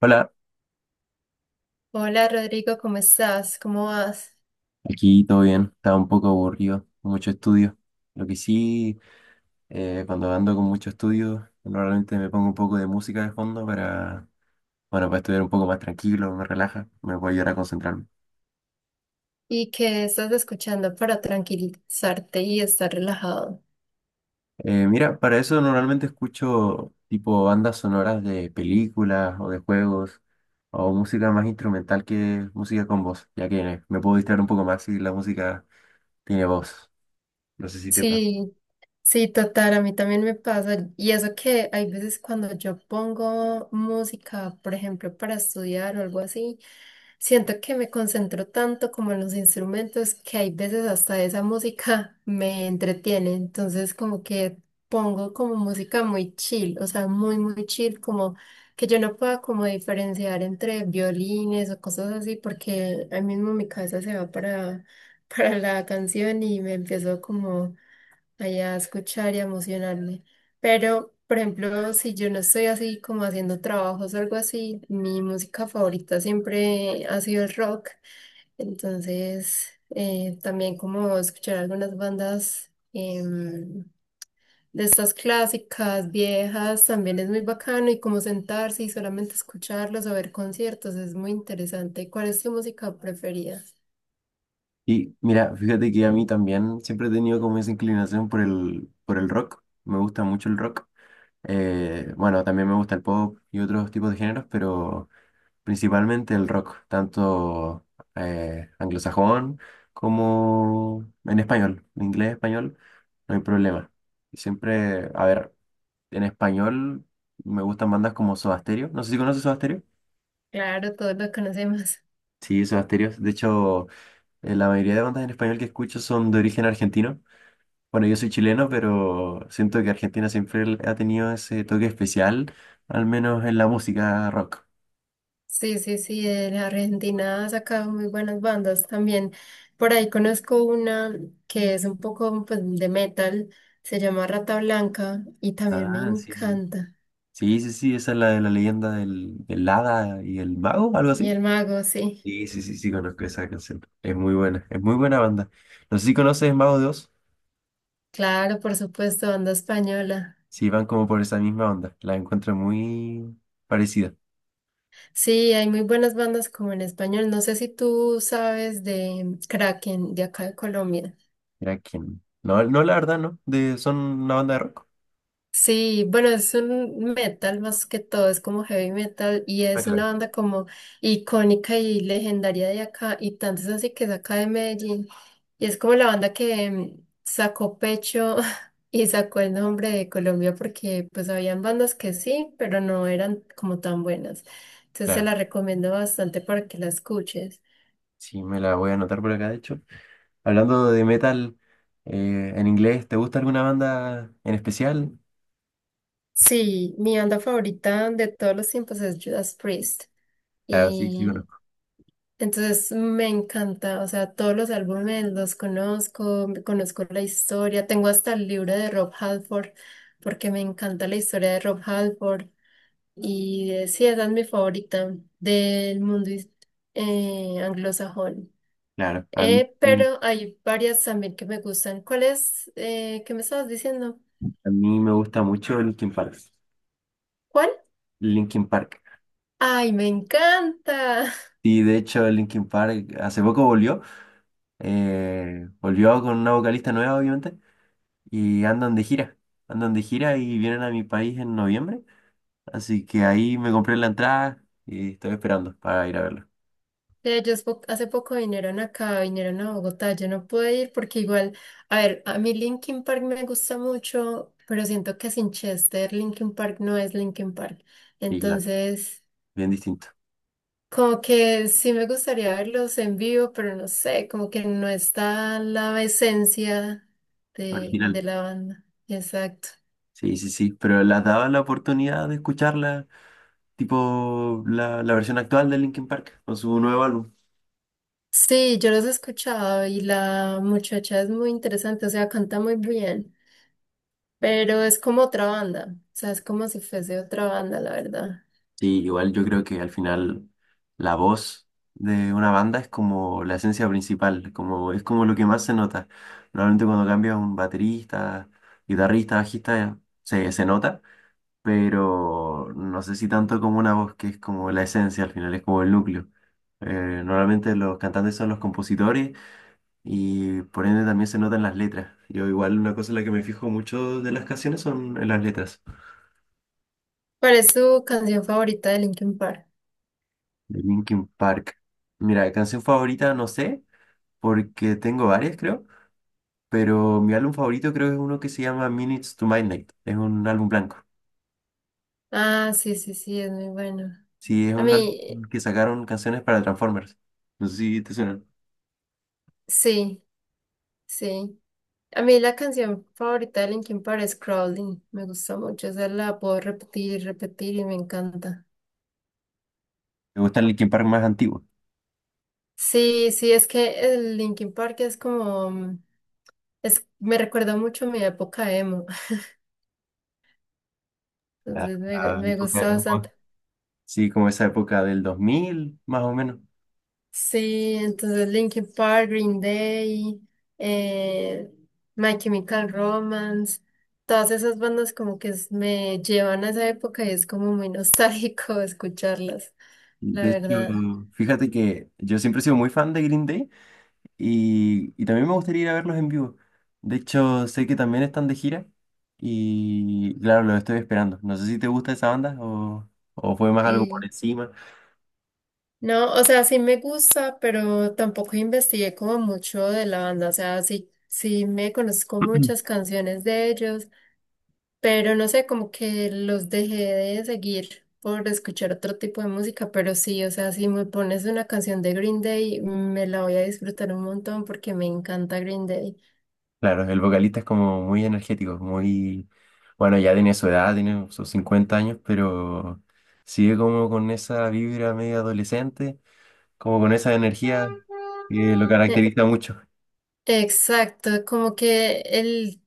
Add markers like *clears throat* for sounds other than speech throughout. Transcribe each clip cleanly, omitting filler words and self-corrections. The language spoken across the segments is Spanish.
Hola, Hola Rodrigo, ¿cómo estás? ¿Cómo vas? aquí todo bien, estaba un poco aburrido, mucho estudio. Lo que sí, cuando ando con mucho estudio, normalmente me pongo un poco de música de fondo bueno, para estudiar un poco más tranquilo, me relaja, me puede ayudar a concentrarme. ¿Y qué estás escuchando para tranquilizarte y estar relajado? Mira, para eso normalmente escucho tipo bandas sonoras de películas o de juegos o música más instrumental que música con voz, ya que me puedo distraer un poco más si la música tiene voz. No sé si te pasa. Sí, sí, total, a mí también me pasa. Y eso que hay veces cuando yo pongo música, por ejemplo, para estudiar o algo así, siento que me concentro tanto como en los instrumentos que hay veces hasta esa música *laughs* me entretiene. Entonces, como que pongo como música muy chill, o sea, muy, muy chill, como que yo no pueda como diferenciar entre violines o cosas así, porque ahí mismo mi cabeza se va para, *laughs* para la canción y me empiezo como allá a escuchar y a emocionarme. Pero, por ejemplo, si yo no estoy así como haciendo trabajos o algo así, mi música favorita siempre ha sido el rock. Entonces, también como escuchar algunas bandas de estas clásicas, viejas, también es muy bacano y como sentarse y solamente escucharlos o ver conciertos es muy interesante. ¿Cuál es tu música preferida? Y mira, fíjate que a mí también siempre he tenido como esa inclinación por el rock. Me gusta mucho el rock. Bueno, también me gusta el pop y otros tipos de géneros, pero principalmente el rock, tanto anglosajón como en español. En inglés, español, no hay problema. Y siempre, a ver, en español me gustan bandas como Soda Stereo. No sé si conoces Soda Stereo. Claro, todos lo conocemos. Sí, Soda Stereo. De hecho, la mayoría de bandas en español que escucho son de origen argentino. Bueno, yo soy chileno, pero siento que Argentina siempre ha tenido ese toque especial, al menos en la música rock. Sí, sí, sí, de La Argentina ha sacado muy buenas bandas también. Por ahí conozco una que es un poco pues, de metal, se llama Rata Blanca y también me Ah, sí, sí. encanta. Sí, sí, sí, esa es la de la leyenda del hada y el mago, algo Y así. El Mago, sí. Sí, sí, sí, sí, conozco esa canción. Es muy buena banda. No sé si conoces Mago 2, Claro, por supuesto, banda española. si van como por esa misma onda. La encuentro muy parecida. Sí, hay muy buenas bandas como en español. No sé si tú sabes de Kraken, de acá de Colombia. Mira quién. No, no, la verdad, no. De, son una banda de rock. Sí, bueno, es un metal más que todo, es como heavy metal y Ah, es una claro. banda como icónica y legendaria de acá y tanto es así que es acá de Medellín y es como la banda que sacó pecho *laughs* y sacó el nombre de Colombia porque pues habían bandas que sí, pero no eran como tan buenas. Entonces se Claro. la recomiendo bastante para que la escuches. Sí, me la voy a anotar por acá, de hecho. Hablando de metal, en inglés, ¿te gusta alguna banda en especial? Sí, mi banda favorita de todos los tiempos es Judas Priest. Claro, sí, sí Y conozco. entonces me encanta, o sea, todos los álbumes los conozco, conozco la historia, tengo hasta el libro de Rob Halford, porque me encanta la historia de Rob Halford, y sí, esa es mi favorita del mundo anglosajón. Claro, a mí, sí, Pero hay varias también que me gustan. ¿Cuál es? ¿Qué me estabas diciendo? a mí me gusta mucho Linkin Park. ¿Cuál? Linkin Park. ¡Ay, me encanta! Y de hecho Linkin Park hace poco volvió. Volvió con una vocalista nueva, obviamente. Y andan de gira. Andan de gira y vienen a mi país en noviembre. Así que ahí me compré la entrada y estoy esperando para ir a verlo. De ellos hace poco vinieron acá, vinieron a Bogotá, yo no pude ir porque igual, a ver, a mí Linkin Park me gusta mucho, pero siento que sin Chester Linkin Park no es Linkin Park. Y claro, Entonces, bien distinto. como que sí me gustaría verlos en vivo, pero no sé, como que no está la esencia de, Original. de la banda. Exacto. Sí, sí, sí. Pero las daba la oportunidad de escucharla tipo la versión actual de Linkin Park con su nuevo álbum. Sí, yo los he escuchado y la muchacha es muy interesante, o sea, canta muy bien. Pero es como otra banda, o sea, es como si fuese otra banda, la verdad. Sí, igual yo creo que al final la voz de una banda es como la esencia principal, como, es como lo que más se nota. Normalmente cuando cambia un baterista, guitarrista, bajista, se nota, pero no sé si tanto como una voz que es como la esencia al final, es como el núcleo. Normalmente los cantantes son los compositores, y por ende también se notan las letras. Yo igual una cosa en la que me fijo mucho de las canciones son en las letras. ¿Cuál es su canción favorita de Linkin Park? De Linkin Park. Mira, canción favorita no sé, porque tengo varias creo, pero mi álbum favorito creo que es uno que se llama Minutes to Midnight. Es un álbum blanco. Ah, sí, sí, sí, es muy bueno. Sí, es A un álbum mí, que sacaron canciones para Transformers. No sé si te suena. sí, sí. A mí la canción favorita de Linkin Park es Crawling, me gusta mucho, esa la puedo repetir y repetir y me encanta. Me gusta el Linkin Park más antiguo. Sí, sí, es que el Linkin Park es como, mm, es, me recuerda mucho a mi época emo, *laughs* La, entonces la me época, gusta bastante. sí, como esa época del 2000 más o menos. Sí, entonces Linkin Park, Green Day, eh, My Chemical Romance, todas esas bandas como que me llevan a esa época y es como muy nostálgico *laughs* escucharlas, la De hecho, verdad. fíjate que yo siempre he sido muy fan de Green Day. Y también me gustaría ir a verlos en vivo. De hecho, sé que también están de gira y claro, los estoy esperando. No sé si te gusta esa banda o fue más algo por Sí. encima. No, o sea, sí me gusta, pero tampoco investigué como mucho de la banda, o sea, sí, sí me conozco *clears throat* muchas canciones de ellos, pero no sé, como que los dejé de seguir por escuchar otro tipo de música, pero sí, o sea, si me pones una canción de Green Day, me la voy a disfrutar un montón porque me encanta Green Day. Claro, el vocalista es como muy energético, muy... Bueno, ya tiene su edad, tiene sus 50 años, pero sigue como con esa vibra medio adolescente, como con esa energía que lo Eh, caracteriza mucho. Exacto, como que el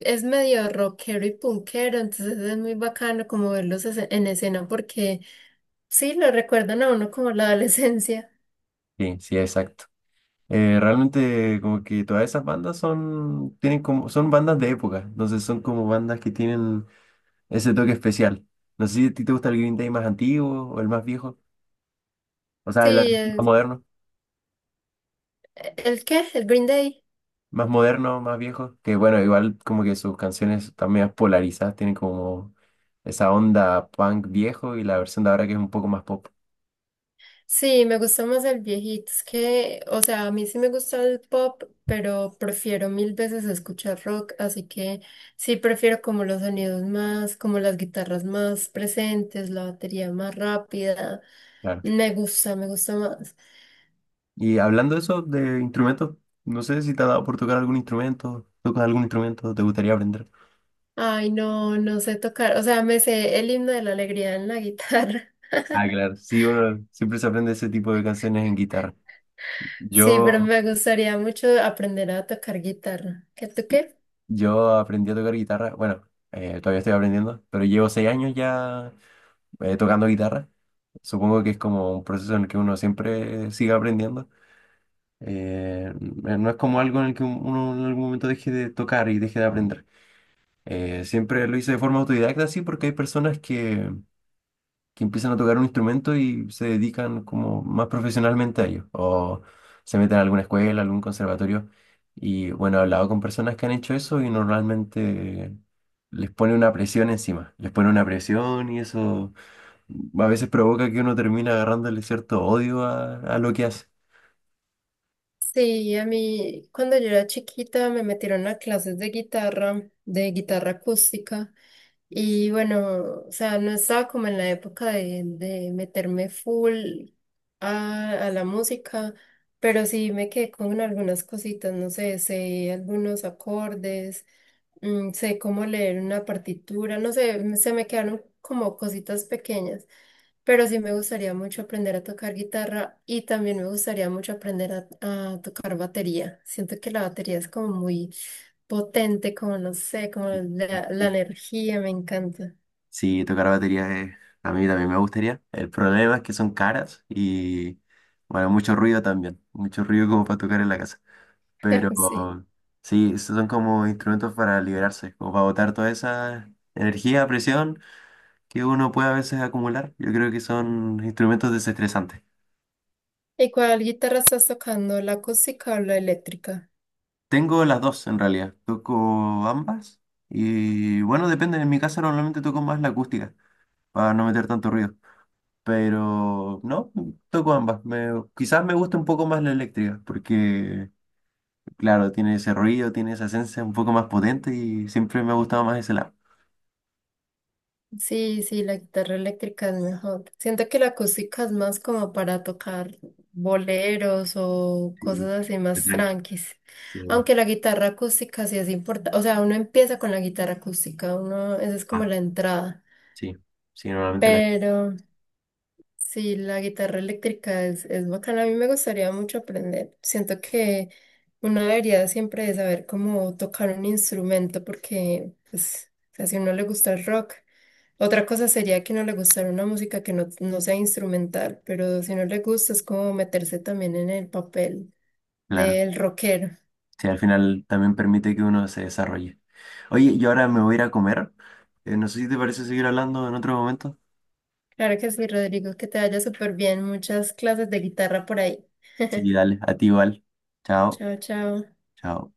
es medio rockero y punkero, entonces es muy bacano como verlos en escena porque sí, lo recuerdan a uno como la *laughs* adolescencia. Sí, sí, exacto. Realmente como que todas esas bandas son, tienen como, son bandas de época, entonces son como bandas que tienen ese toque especial. No sé si a ti te gusta el Green Day más antiguo o el más viejo, o sea, el Sí, el, moderno, ¿El qué? ¿El Green Day? más moderno, más viejo, que bueno, igual como que sus canciones también polarizadas, tienen como esa onda punk viejo y la versión de ahora que es un poco más pop, Sí, me gusta más el viejito. Es que, o sea, a mí sí me gusta el pop, pero prefiero mil veces escuchar rock, así que sí prefiero como los sonidos más, como las guitarras más presentes, la batería más rápida. claro. Me gusta más. Y hablando de eso, de instrumentos, no sé si te ha dado por tocar algún instrumento, tocas algún instrumento, te gustaría aprender. Ay, no, no sé tocar. O sea, me sé el himno de la alegría en la guitarra. *laughs* Ah, claro. Sí, uno siempre se aprende ese tipo de canciones en guitarra. Sí, pero Yo, me gustaría mucho aprender a tocar guitarra. ¿Qué tú qué? yo aprendí a tocar guitarra. Bueno, todavía estoy aprendiendo, pero llevo 6 años ya tocando guitarra. Supongo que es como un proceso en el que uno siempre sigue aprendiendo. No es como algo en el que uno en algún momento deje de tocar y deje de aprender. Siempre lo hice de forma autodidacta, sí, porque hay personas que empiezan a tocar un instrumento y se dedican como más profesionalmente a ello, o se meten a alguna escuela, algún conservatorio. Y bueno, he hablado con personas que han hecho eso y normalmente les pone una presión encima, les pone una presión y eso a veces provoca que uno termina agarrándole cierto odio a lo que hace. Sí, a mí cuando yo era chiquita me metieron a clases de guitarra acústica. Y bueno, o sea, no estaba como en la época de meterme full a la música, pero sí me quedé con algunas cositas, no sé, sé algunos acordes, mm, sé cómo leer una partitura, no sé, se me quedaron como cositas pequeñas. Pero sí me gustaría mucho aprender a tocar guitarra y también me gustaría mucho aprender a tocar batería. Siento que la batería es como muy potente, como no sé, como la Sí, energía, me encanta. sí, tocar batería. A mí también me gustaría. El problema es que son caras y bueno, mucho ruido también, mucho ruido como para tocar en la casa. Pero *laughs* Sí. sí, esos son como instrumentos para liberarse, como para botar toda esa energía, presión que uno puede a veces acumular. Yo creo que son instrumentos desestresantes. ¿Y cuál guitarra estás tocando? ¿La acústica o la eléctrica? Tengo las dos en realidad, toco ambas y bueno, depende, en mi casa normalmente toco más la acústica para no meter tanto ruido, pero no, toco ambas. Quizás me gusta un poco más la eléctrica porque, claro, tiene ese ruido, tiene esa esencia un poco más potente y siempre me ha gustado más ese lado. Sí, sí, la guitarra eléctrica es mejor. Siento que la acústica es más como para tocar boleros o cosas así Sí, más tranquis. sí, bueno. Aunque la guitarra acústica sí es importante. O sea, uno empieza con la guitarra acústica, uno, esa es como Ah, la entrada. sí, sí, normalmente la. Pero sí, la guitarra eléctrica es bacana. A mí me gustaría mucho aprender. Siento que uno debería siempre de saber cómo tocar un instrumento porque, pues, o sea, si a uno le gusta el rock. Otra cosa sería que no le gustara una música que no, no sea instrumental, pero si no le gusta es como meterse también en el papel Claro, del rockero. sí, al final también permite que uno se desarrolle. Oye, yo ahora me voy a ir a comer. No sé si te parece seguir hablando en otro momento. Claro que sí, Rodrigo, que te vaya súper bien. Muchas clases de guitarra por ahí. Sí, *laughs* dale, a ti igual. Chao, Chao, chao. chao.